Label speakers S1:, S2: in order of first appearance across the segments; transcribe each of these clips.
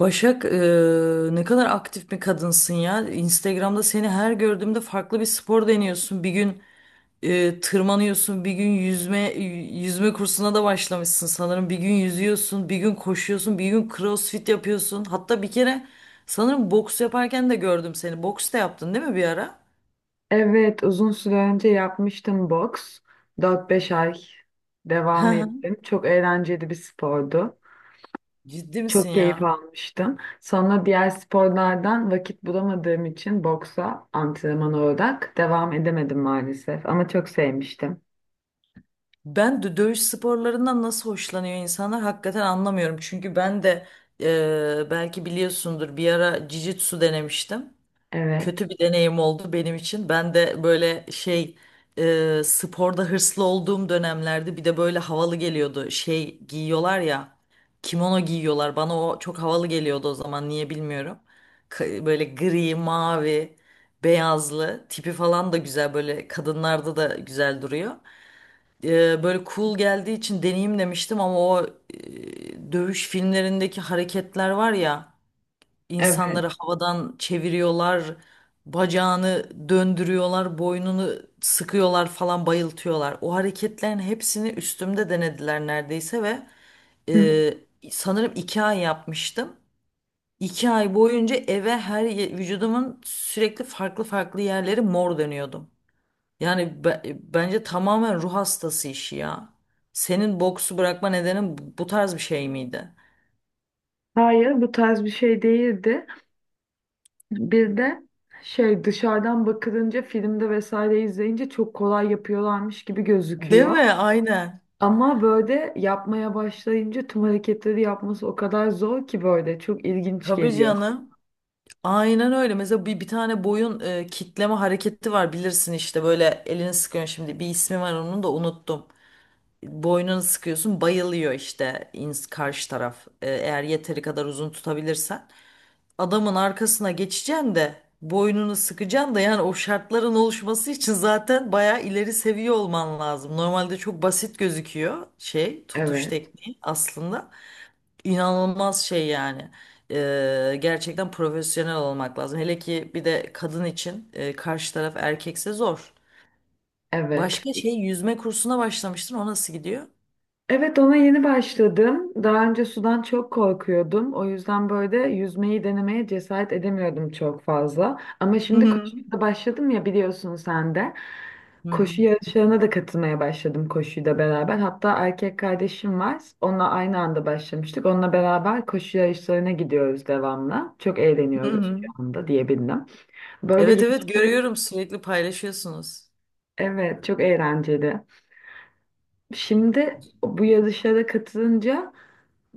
S1: Başak, ne kadar aktif bir kadınsın ya. Instagram'da seni her gördüğümde farklı bir spor deniyorsun. Bir gün tırmanıyorsun, bir gün yüzme kursuna da başlamışsın sanırım. Bir gün yüzüyorsun, bir gün koşuyorsun, bir gün crossfit yapıyorsun. Hatta bir kere sanırım boks yaparken de gördüm seni. Boks da yaptın değil mi bir ara?
S2: Evet, uzun süre önce yapmıştım boks. 4-5 ay devam ettim. Çok eğlenceli bir spordu.
S1: Ciddi misin
S2: Çok keyif
S1: ya?
S2: almıştım. Sonra diğer sporlardan vakit bulamadığım için boksa antrenman olarak devam edemedim maalesef. Ama çok sevmiştim.
S1: Ben de dövüş sporlarından nasıl hoşlanıyor insanlar hakikaten anlamıyorum. Çünkü ben de belki biliyorsundur bir ara jiu-jitsu denemiştim.
S2: Evet,
S1: Kötü bir deneyim oldu benim için. Ben de böyle şey sporda hırslı olduğum dönemlerde bir de böyle havalı geliyordu. Şey giyiyorlar ya, kimono giyiyorlar. Bana o çok havalı geliyordu o zaman, niye bilmiyorum. Böyle gri, mavi, beyazlı tipi falan da güzel, böyle kadınlarda da güzel duruyor, böyle cool geldiği için deneyim demiştim ama o dövüş filmlerindeki hareketler var ya,
S2: evet.
S1: insanları havadan çeviriyorlar, bacağını döndürüyorlar, boynunu sıkıyorlar falan, bayıltıyorlar. O hareketlerin hepsini üstümde denediler neredeyse ve
S2: Hı.
S1: sanırım iki ay yapmıştım. İki ay boyunca eve her vücudumun sürekli farklı farklı yerleri mor dönüyordum. Yani bence tamamen ruh hastası işi ya. Senin boksu bırakma nedenin bu tarz bir şey miydi?
S2: Hayır, bu tarz bir şey değildi. Bir de şey dışarıdan bakılınca filmde vesaire izleyince çok kolay yapıyorlarmış gibi
S1: Değil
S2: gözüküyor.
S1: mi? Aynen.
S2: Ama böyle yapmaya başlayınca tüm hareketleri yapması o kadar zor ki böyle çok ilginç
S1: Tabii
S2: geliyor.
S1: canım. Aynen öyle. Mesela bir tane boyun kitleme hareketi var, bilirsin işte, böyle elini sıkıyorsun, şimdi bir ismi var onun da unuttum. Boynunu sıkıyorsun, bayılıyor işte karşı taraf, eğer yeteri kadar uzun tutabilirsen, adamın arkasına geçeceksin de boynunu sıkacaksın da. Yani o şartların oluşması için zaten bayağı ileri seviye olman lazım. Normalde çok basit gözüküyor, şey, tutuş
S2: Evet,
S1: tekniği aslında inanılmaz şey yani. Gerçekten profesyonel olmak lazım. Hele ki bir de kadın için, karşı taraf erkekse zor.
S2: evet.
S1: Başka şey, yüzme kursuna başlamıştın. O nasıl gidiyor?
S2: Evet, ona yeni başladım. Daha önce sudan çok korkuyordum. O yüzden böyle yüzmeyi denemeye cesaret edemiyordum çok fazla. Ama
S1: Hı
S2: şimdi
S1: hı.
S2: koşuya da başladım ya, biliyorsun sen de.
S1: Hı hı.
S2: Koşu yarışlarına da katılmaya başladım koşuyla beraber. Hatta erkek kardeşim var. Onunla aynı anda başlamıştık. Onunla beraber koşu yarışlarına gidiyoruz devamlı. Çok
S1: Hı
S2: eğleniyoruz
S1: hı.
S2: şu anda diyebilirim. Böyle
S1: Evet evet,
S2: yarışları
S1: görüyorum, sürekli paylaşıyorsunuz.
S2: evet, çok eğlenceli. Şimdi bu yarışlara katılınca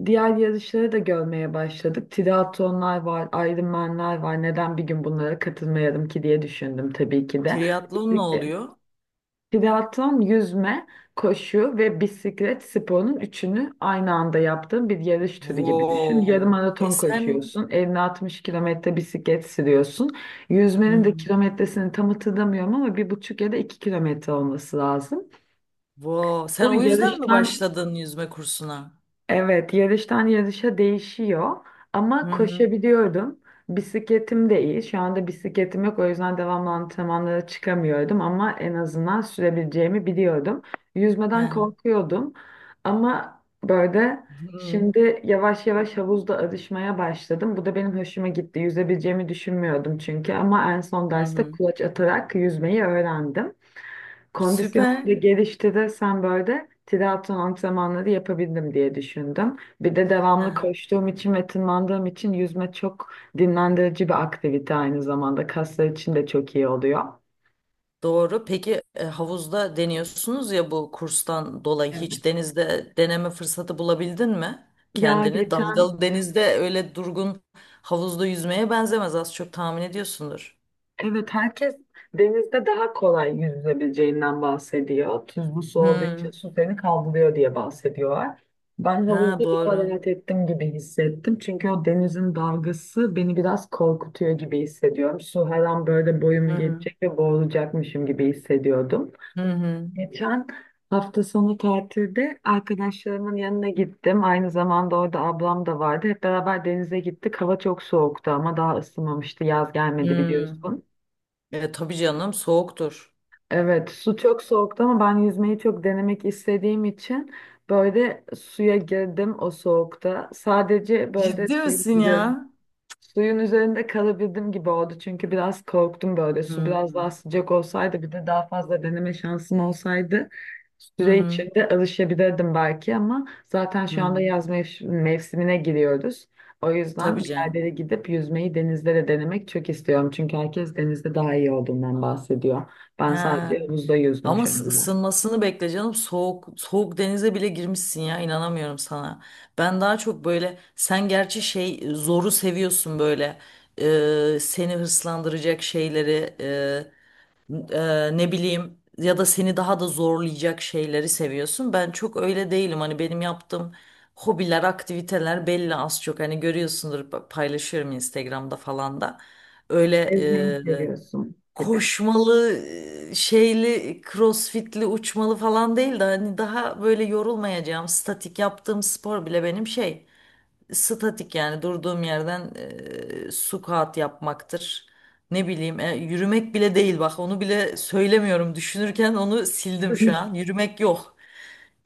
S2: diğer yarışları da görmeye başladık. Triatlonlar var, Ironman'ler var. Neden bir gün bunlara katılmayalım ki diye düşündüm tabii ki de.
S1: Triatlon ne
S2: Bisiklet-
S1: oluyor?
S2: Triatlon, yüzme, koşu ve bisiklet sporunun üçünü aynı anda yaptığın bir yarış türü gibi düşün. Yarım
S1: Wow. E
S2: maraton
S1: sen.
S2: koşuyorsun, 50-60 kilometre bisiklet sürüyorsun.
S1: Hı
S2: Yüzmenin de
S1: hı.
S2: kilometresini tam hatırlamıyorum ama 1,5 ya da 2 kilometre olması lazım.
S1: Wow. Sen
S2: Bu
S1: o yüzden mi
S2: yarıştan
S1: başladın yüzme kursuna?
S2: Evet, yarıştan yarışa değişiyor
S1: Hı
S2: ama
S1: hı.
S2: koşabiliyordum. Bisikletim de iyi. Şu anda bisikletim yok, o yüzden devamlı antrenmanlara çıkamıyordum ama en azından sürebileceğimi biliyordum. Yüzmeden
S1: Hı
S2: korkuyordum ama böyle
S1: hı.
S2: şimdi yavaş yavaş havuzda alışmaya başladım. Bu da benim hoşuma gitti. Yüzebileceğimi düşünmüyordum çünkü, ama en son
S1: Hı
S2: derste
S1: hı.
S2: kulaç atarak yüzmeyi öğrendim. Kondisyon
S1: Süper.
S2: da gelişti de sen böyle triatlon antrenmanları yapabildim diye düşündüm. Bir de
S1: Hı
S2: devamlı
S1: hı.
S2: koştuğum için ve tırmandığım için yüzme çok dinlendirici bir aktivite aynı zamanda. Kaslar için de çok iyi oluyor.
S1: Doğru. Peki havuzda deniyorsunuz ya, bu kurstan dolayı
S2: Evet.
S1: hiç denizde deneme fırsatı bulabildin mi?
S2: Ya
S1: Kendini
S2: geçen
S1: dalgalı denizde, öyle durgun havuzda yüzmeye benzemez, az çok tahmin ediyorsundur.
S2: Evet, herkes denizde daha kolay yüzülebileceğinden bahsediyor. Tuzlu su olduğu için
S1: Hı.
S2: su seni kaldırıyor diye bahsediyorlar. Ben havuzda
S1: Ha
S2: bir
S1: doğru.
S2: rahat ettim gibi hissettim. Çünkü o denizin dalgası beni biraz korkutuyor gibi hissediyorum. Su her an böyle
S1: Hı
S2: boyumu
S1: hı.
S2: geçecek ve boğulacakmışım gibi hissediyordum.
S1: Hı hı.
S2: Geçen hafta sonu tatilde arkadaşlarımın yanına gittim. Aynı zamanda orada ablam da vardı. Hep beraber denize gittik. Hava çok soğuktu ama daha ısınmamıştı. Yaz gelmedi
S1: Hı.
S2: biliyorsun.
S1: Tabii canım, soğuktur.
S2: Evet, su çok soğuktu ama ben yüzmeyi çok denemek istediğim için böyle suya girdim o soğukta. Sadece böyle
S1: Ciddi
S2: suyun
S1: misin ya?
S2: üzerinde Suyun üzerinde kalabildim gibi oldu çünkü biraz korktum böyle.
S1: Hı
S2: Su biraz daha
S1: hı.
S2: sıcak olsaydı, bir de daha fazla deneme şansım olsaydı
S1: Hı
S2: süre
S1: hı.
S2: içinde alışabilirdim belki, ama zaten
S1: Hı
S2: şu
S1: hı.
S2: anda yaz mevsimine giriyoruz. O yüzden
S1: Tabii
S2: bir
S1: canım.
S2: yerlere gidip yüzmeyi denizde de denemek çok istiyorum. Çünkü herkes denizde daha iyi olduğundan bahsediyor. Ben
S1: Ha.
S2: sadece havuzda yüzdüm
S1: Ama
S2: şu anda.
S1: ısınmasını bekle canım. Soğuk soğuk denize bile girmişsin ya, inanamıyorum sana. Ben daha çok böyle, sen gerçi şey, zoru seviyorsun böyle. Seni hırslandıracak şeyleri, ne bileyim, ya da seni daha da zorlayacak şeyleri seviyorsun. Ben çok öyle değilim. Hani benim yaptığım hobiler, aktiviteler belli az çok. Hani görüyorsundur, paylaşıyorum Instagram'da falan da. Öyle
S2: Yüzmeyi
S1: e,
S2: seviyorsun gibi.
S1: koşmalı, şeyli, crossfitli, uçmalı falan değil de, hani daha böyle yorulmayacağım, statik yaptığım spor bile benim şey, statik yani durduğum yerden squat yapmaktır. Ne bileyim yürümek bile değil, bak onu bile söylemiyorum, düşünürken onu sildim şu an. Yürümek yok.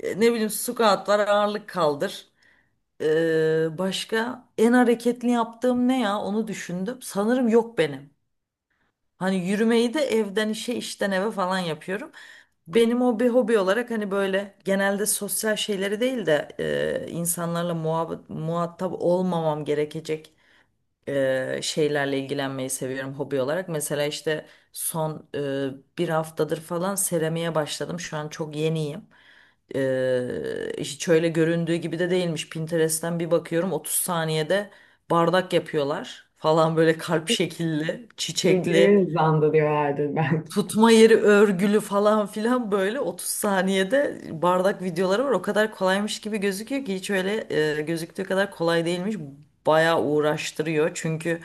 S1: Ne bileyim, squat var, ağırlık kaldır. Başka en hareketli yaptığım ne ya, onu düşündüm. Sanırım yok benim. Hani yürümeyi de evden işe, işten eve falan yapıyorum. Benim hobi hobi olarak hani böyle genelde sosyal şeyleri değil de insanlarla muhatap olmamam gerekecek şeylerle ilgilenmeyi seviyorum hobi olarak. Mesela işte son bir haftadır falan seramiğe başladım. Şu an çok yeniyim. Hiç öyle göründüğü gibi de değilmiş. Pinterest'ten bir bakıyorum, 30 saniyede bardak yapıyorlar falan, böyle kalp şekilli, çiçekli
S2: Videoyu hızlandırıyor herhalde, belki.
S1: tutma yeri örgülü falan filan, böyle 30 saniyede bardak videoları var. O kadar kolaymış gibi gözüküyor ki, hiç öyle gözüktüğü kadar kolay değilmiş. Bayağı uğraştırıyor. Çünkü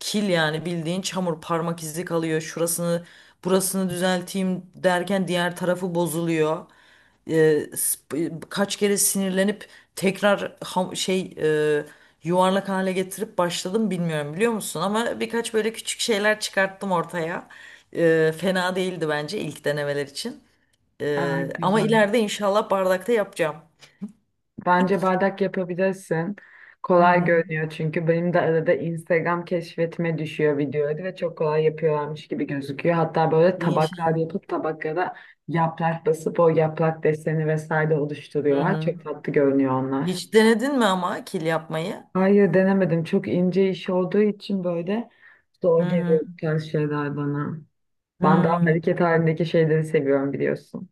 S1: kil, yani bildiğin çamur, parmak izi kalıyor. Şurasını burasını düzelteyim derken diğer tarafı bozuluyor. e, kaç kere sinirlenip tekrar şey, e, yuvarlak hale getirip başladım, bilmiyorum, biliyor musun? Ama birkaç böyle küçük şeyler çıkarttım ortaya. Fena değildi bence ilk denemeler için.
S2: Aa,
S1: Ama
S2: güzel.
S1: ileride inşallah bardakta yapacağım.
S2: Bence bardak yapabilirsin.
S1: Hı
S2: Kolay
S1: hı.
S2: görünüyor çünkü benim de arada Instagram keşfetime düşüyor videoları ve çok kolay yapıyorlarmış gibi gözüküyor. Hatta böyle tabaklar
S1: İnşallah.
S2: yapıp tabaklara yaprak basıp o yaprak deseni vesaire
S1: Hı
S2: oluşturuyorlar.
S1: hı.
S2: Çok tatlı görünüyor onlar.
S1: Hiç denedin mi ama kil yapmayı?
S2: Hayır, denemedim. Çok ince iş olduğu için böyle
S1: Hı
S2: zor geliyor
S1: hı.
S2: bu tarz şeyler bana. Ben daha
S1: Hı.
S2: hareket halindeki şeyleri seviyorum, biliyorsun.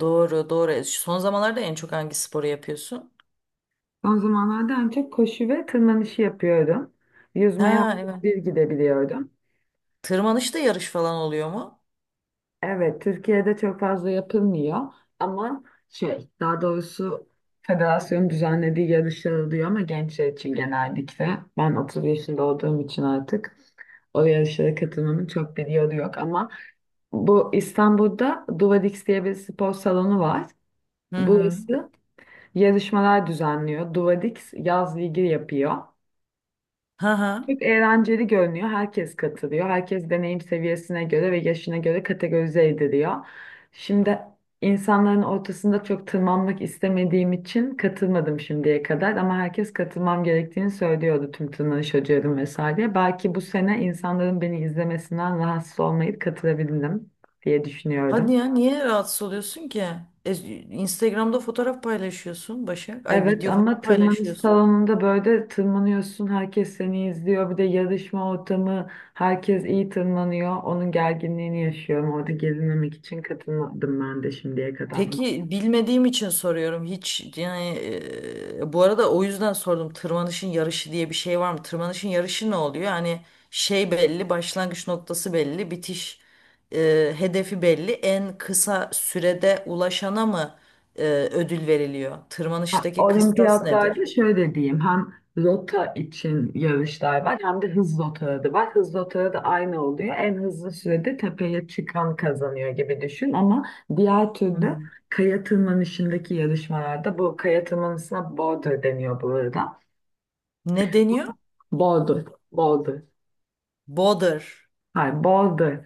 S1: Doğru doğru. Son zamanlarda en çok hangi sporu yapıyorsun?
S2: Son zamanlarda en çok koşu ve tırmanışı yapıyorum. Yüzmeye
S1: Ha
S2: haftada
S1: evet.
S2: bir gidebiliyordum.
S1: Tırmanışta yarış falan oluyor mu?
S2: Evet, Türkiye'de çok fazla yapılmıyor ama şey, daha doğrusu federasyonun düzenlediği yarışlar oluyor ama gençler için genellikle. Ben 30 yaşında olduğum için artık o yarışlara katılmamın çok bir yolu yok, ama bu İstanbul'da Duvadix diye bir spor salonu var.
S1: Hı hı.
S2: Burası yarışmalar düzenliyor. Duvadix yaz ligi yapıyor.
S1: Ha ha.
S2: Çok eğlenceli görünüyor. Herkes katılıyor. Herkes deneyim seviyesine göre ve yaşına göre kategorize ediliyor. Şimdi insanların ortasında çok tırmanmak istemediğim için katılmadım şimdiye kadar, ama herkes katılmam gerektiğini söylüyordu, tüm tırmanış hocalarım vesaire. Belki bu sene insanların beni izlemesinden rahatsız olmayıp katılabildim diye
S1: Hadi
S2: düşünüyordum.
S1: ya, niye rahatsız oluyorsun ki? E, Instagram'da fotoğraf paylaşıyorsun Başak. Ay,
S2: Evet
S1: video
S2: ama
S1: falan
S2: tırmanış
S1: paylaşıyorsun.
S2: salonunda böyle tırmanıyorsun, herkes seni izliyor. Bir de yarışma ortamı, herkes iyi tırmanıyor. Onun gerginliğini yaşıyorum. Orada gerilmemek için katılmadım ben de şimdiye kadar.
S1: Peki bilmediğim için soruyorum. Hiç yani, bu arada o yüzden sordum. Tırmanışın yarışı diye bir şey var mı? Tırmanışın yarışı ne oluyor? Yani şey belli, başlangıç noktası belli, bitiş hedefi belli. En kısa sürede ulaşana mı e, ödül veriliyor?
S2: Ha,
S1: Tırmanıştaki kıstas nedir?
S2: Olimpiyatlarda şöyle diyeyim, hem rota için yarışlar var hem de hız rotaları da var. Hız rotaları da aynı oluyor. En hızlı sürede tepeye çıkan kazanıyor gibi düşün, ama diğer
S1: Hı
S2: türlü
S1: hı.
S2: kaya tırmanışındaki yarışmalarda, bu kaya tırmanışına border deniyor burada.
S1: Ne deniyor?
S2: Boulder. Boulder.
S1: Boulder.
S2: Hayır, Boulder.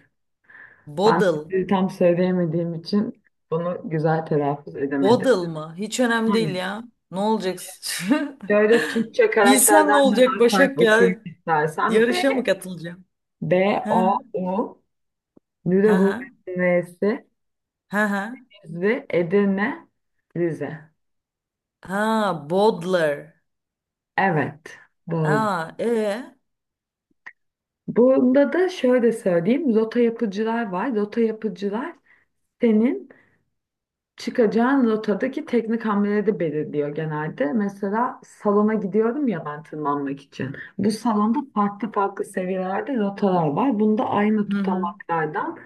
S2: Ben
S1: Bodıl.
S2: sizi tam söyleyemediğim için bunu güzel telaffuz edemedim.
S1: Bodıl mı? Hiç önemli değil
S2: Hayır.
S1: ya. Ne olacaksın?
S2: Şöyle Türkçe
S1: Bilsem ne
S2: karakterden bir
S1: olacak
S2: harf harf
S1: Başak
S2: okuyayım
S1: ya?
S2: istersen.
S1: Yarışa mı katılacağım?
S2: B,
S1: Ha
S2: O, U,
S1: ha ha
S2: Lüleburgaz'ın N'si,
S1: ha ha.
S2: Rize, Edirne, Rize.
S1: Ha, Bodler.
S2: Evet, Boulder.
S1: Ha e.
S2: Bunda da şöyle söyleyeyim. Rota yapıcılar var. Rota yapıcılar senin çıkacağın rotadaki teknik hamleleri belirliyor genelde. Mesela salona gidiyorum ya ben, tırmanmak için. Bu salonda farklı farklı seviyelerde rotalar var. Bunda
S1: Hı hı.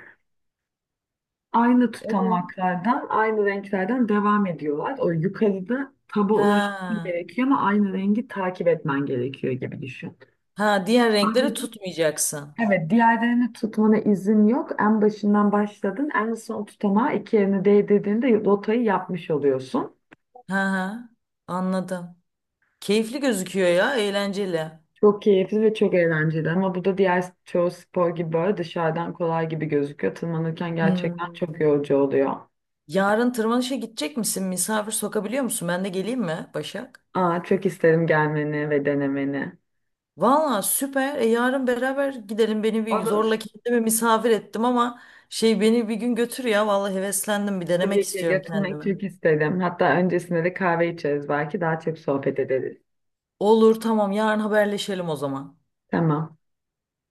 S2: aynı
S1: E?
S2: tutamaklardan, aynı renklerden devam ediyorlar. O yukarıda taba ulaşman
S1: Ha.
S2: gerekiyor ama aynı rengi takip etmen gerekiyor gibi düşün.
S1: Ha, diğer renkleri
S2: Ayrıca
S1: tutmayacaksın.
S2: evet, diğerlerini tutmana izin yok. En başından başladın. En son tutamağa iki yerini değdirdiğinde rotayı yapmış oluyorsun.
S1: Ha ha. Anladım. Keyifli gözüküyor ya, eğlenceli.
S2: Çok keyifli ve çok eğlenceli ama bu da diğer çoğu spor gibi böyle dışarıdan kolay gibi gözüküyor. Tırmanırken gerçekten
S1: Hmm.
S2: çok yorucu oluyor.
S1: Yarın tırmanışa gidecek misin? Misafir sokabiliyor musun? Ben de geleyim mi Başak?
S2: Aa, çok isterim gelmeni ve denemeni.
S1: Valla süper. Yarın beraber gidelim. Beni bir
S2: Olur.
S1: zorla kendimi misafir ettim ama şey, beni bir gün götür ya. Valla heveslendim. Bir denemek
S2: Tabii ki
S1: istiyorum
S2: götürmek
S1: kendimi.
S2: çok isterim. Hatta öncesinde de kahve içeriz, belki daha çok sohbet ederiz.
S1: Olur, tamam, yarın haberleşelim o zaman.
S2: Tamam.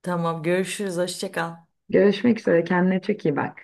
S1: Tamam, görüşürüz. Hoşça kal.
S2: Görüşmek üzere. Kendine çok iyi bak.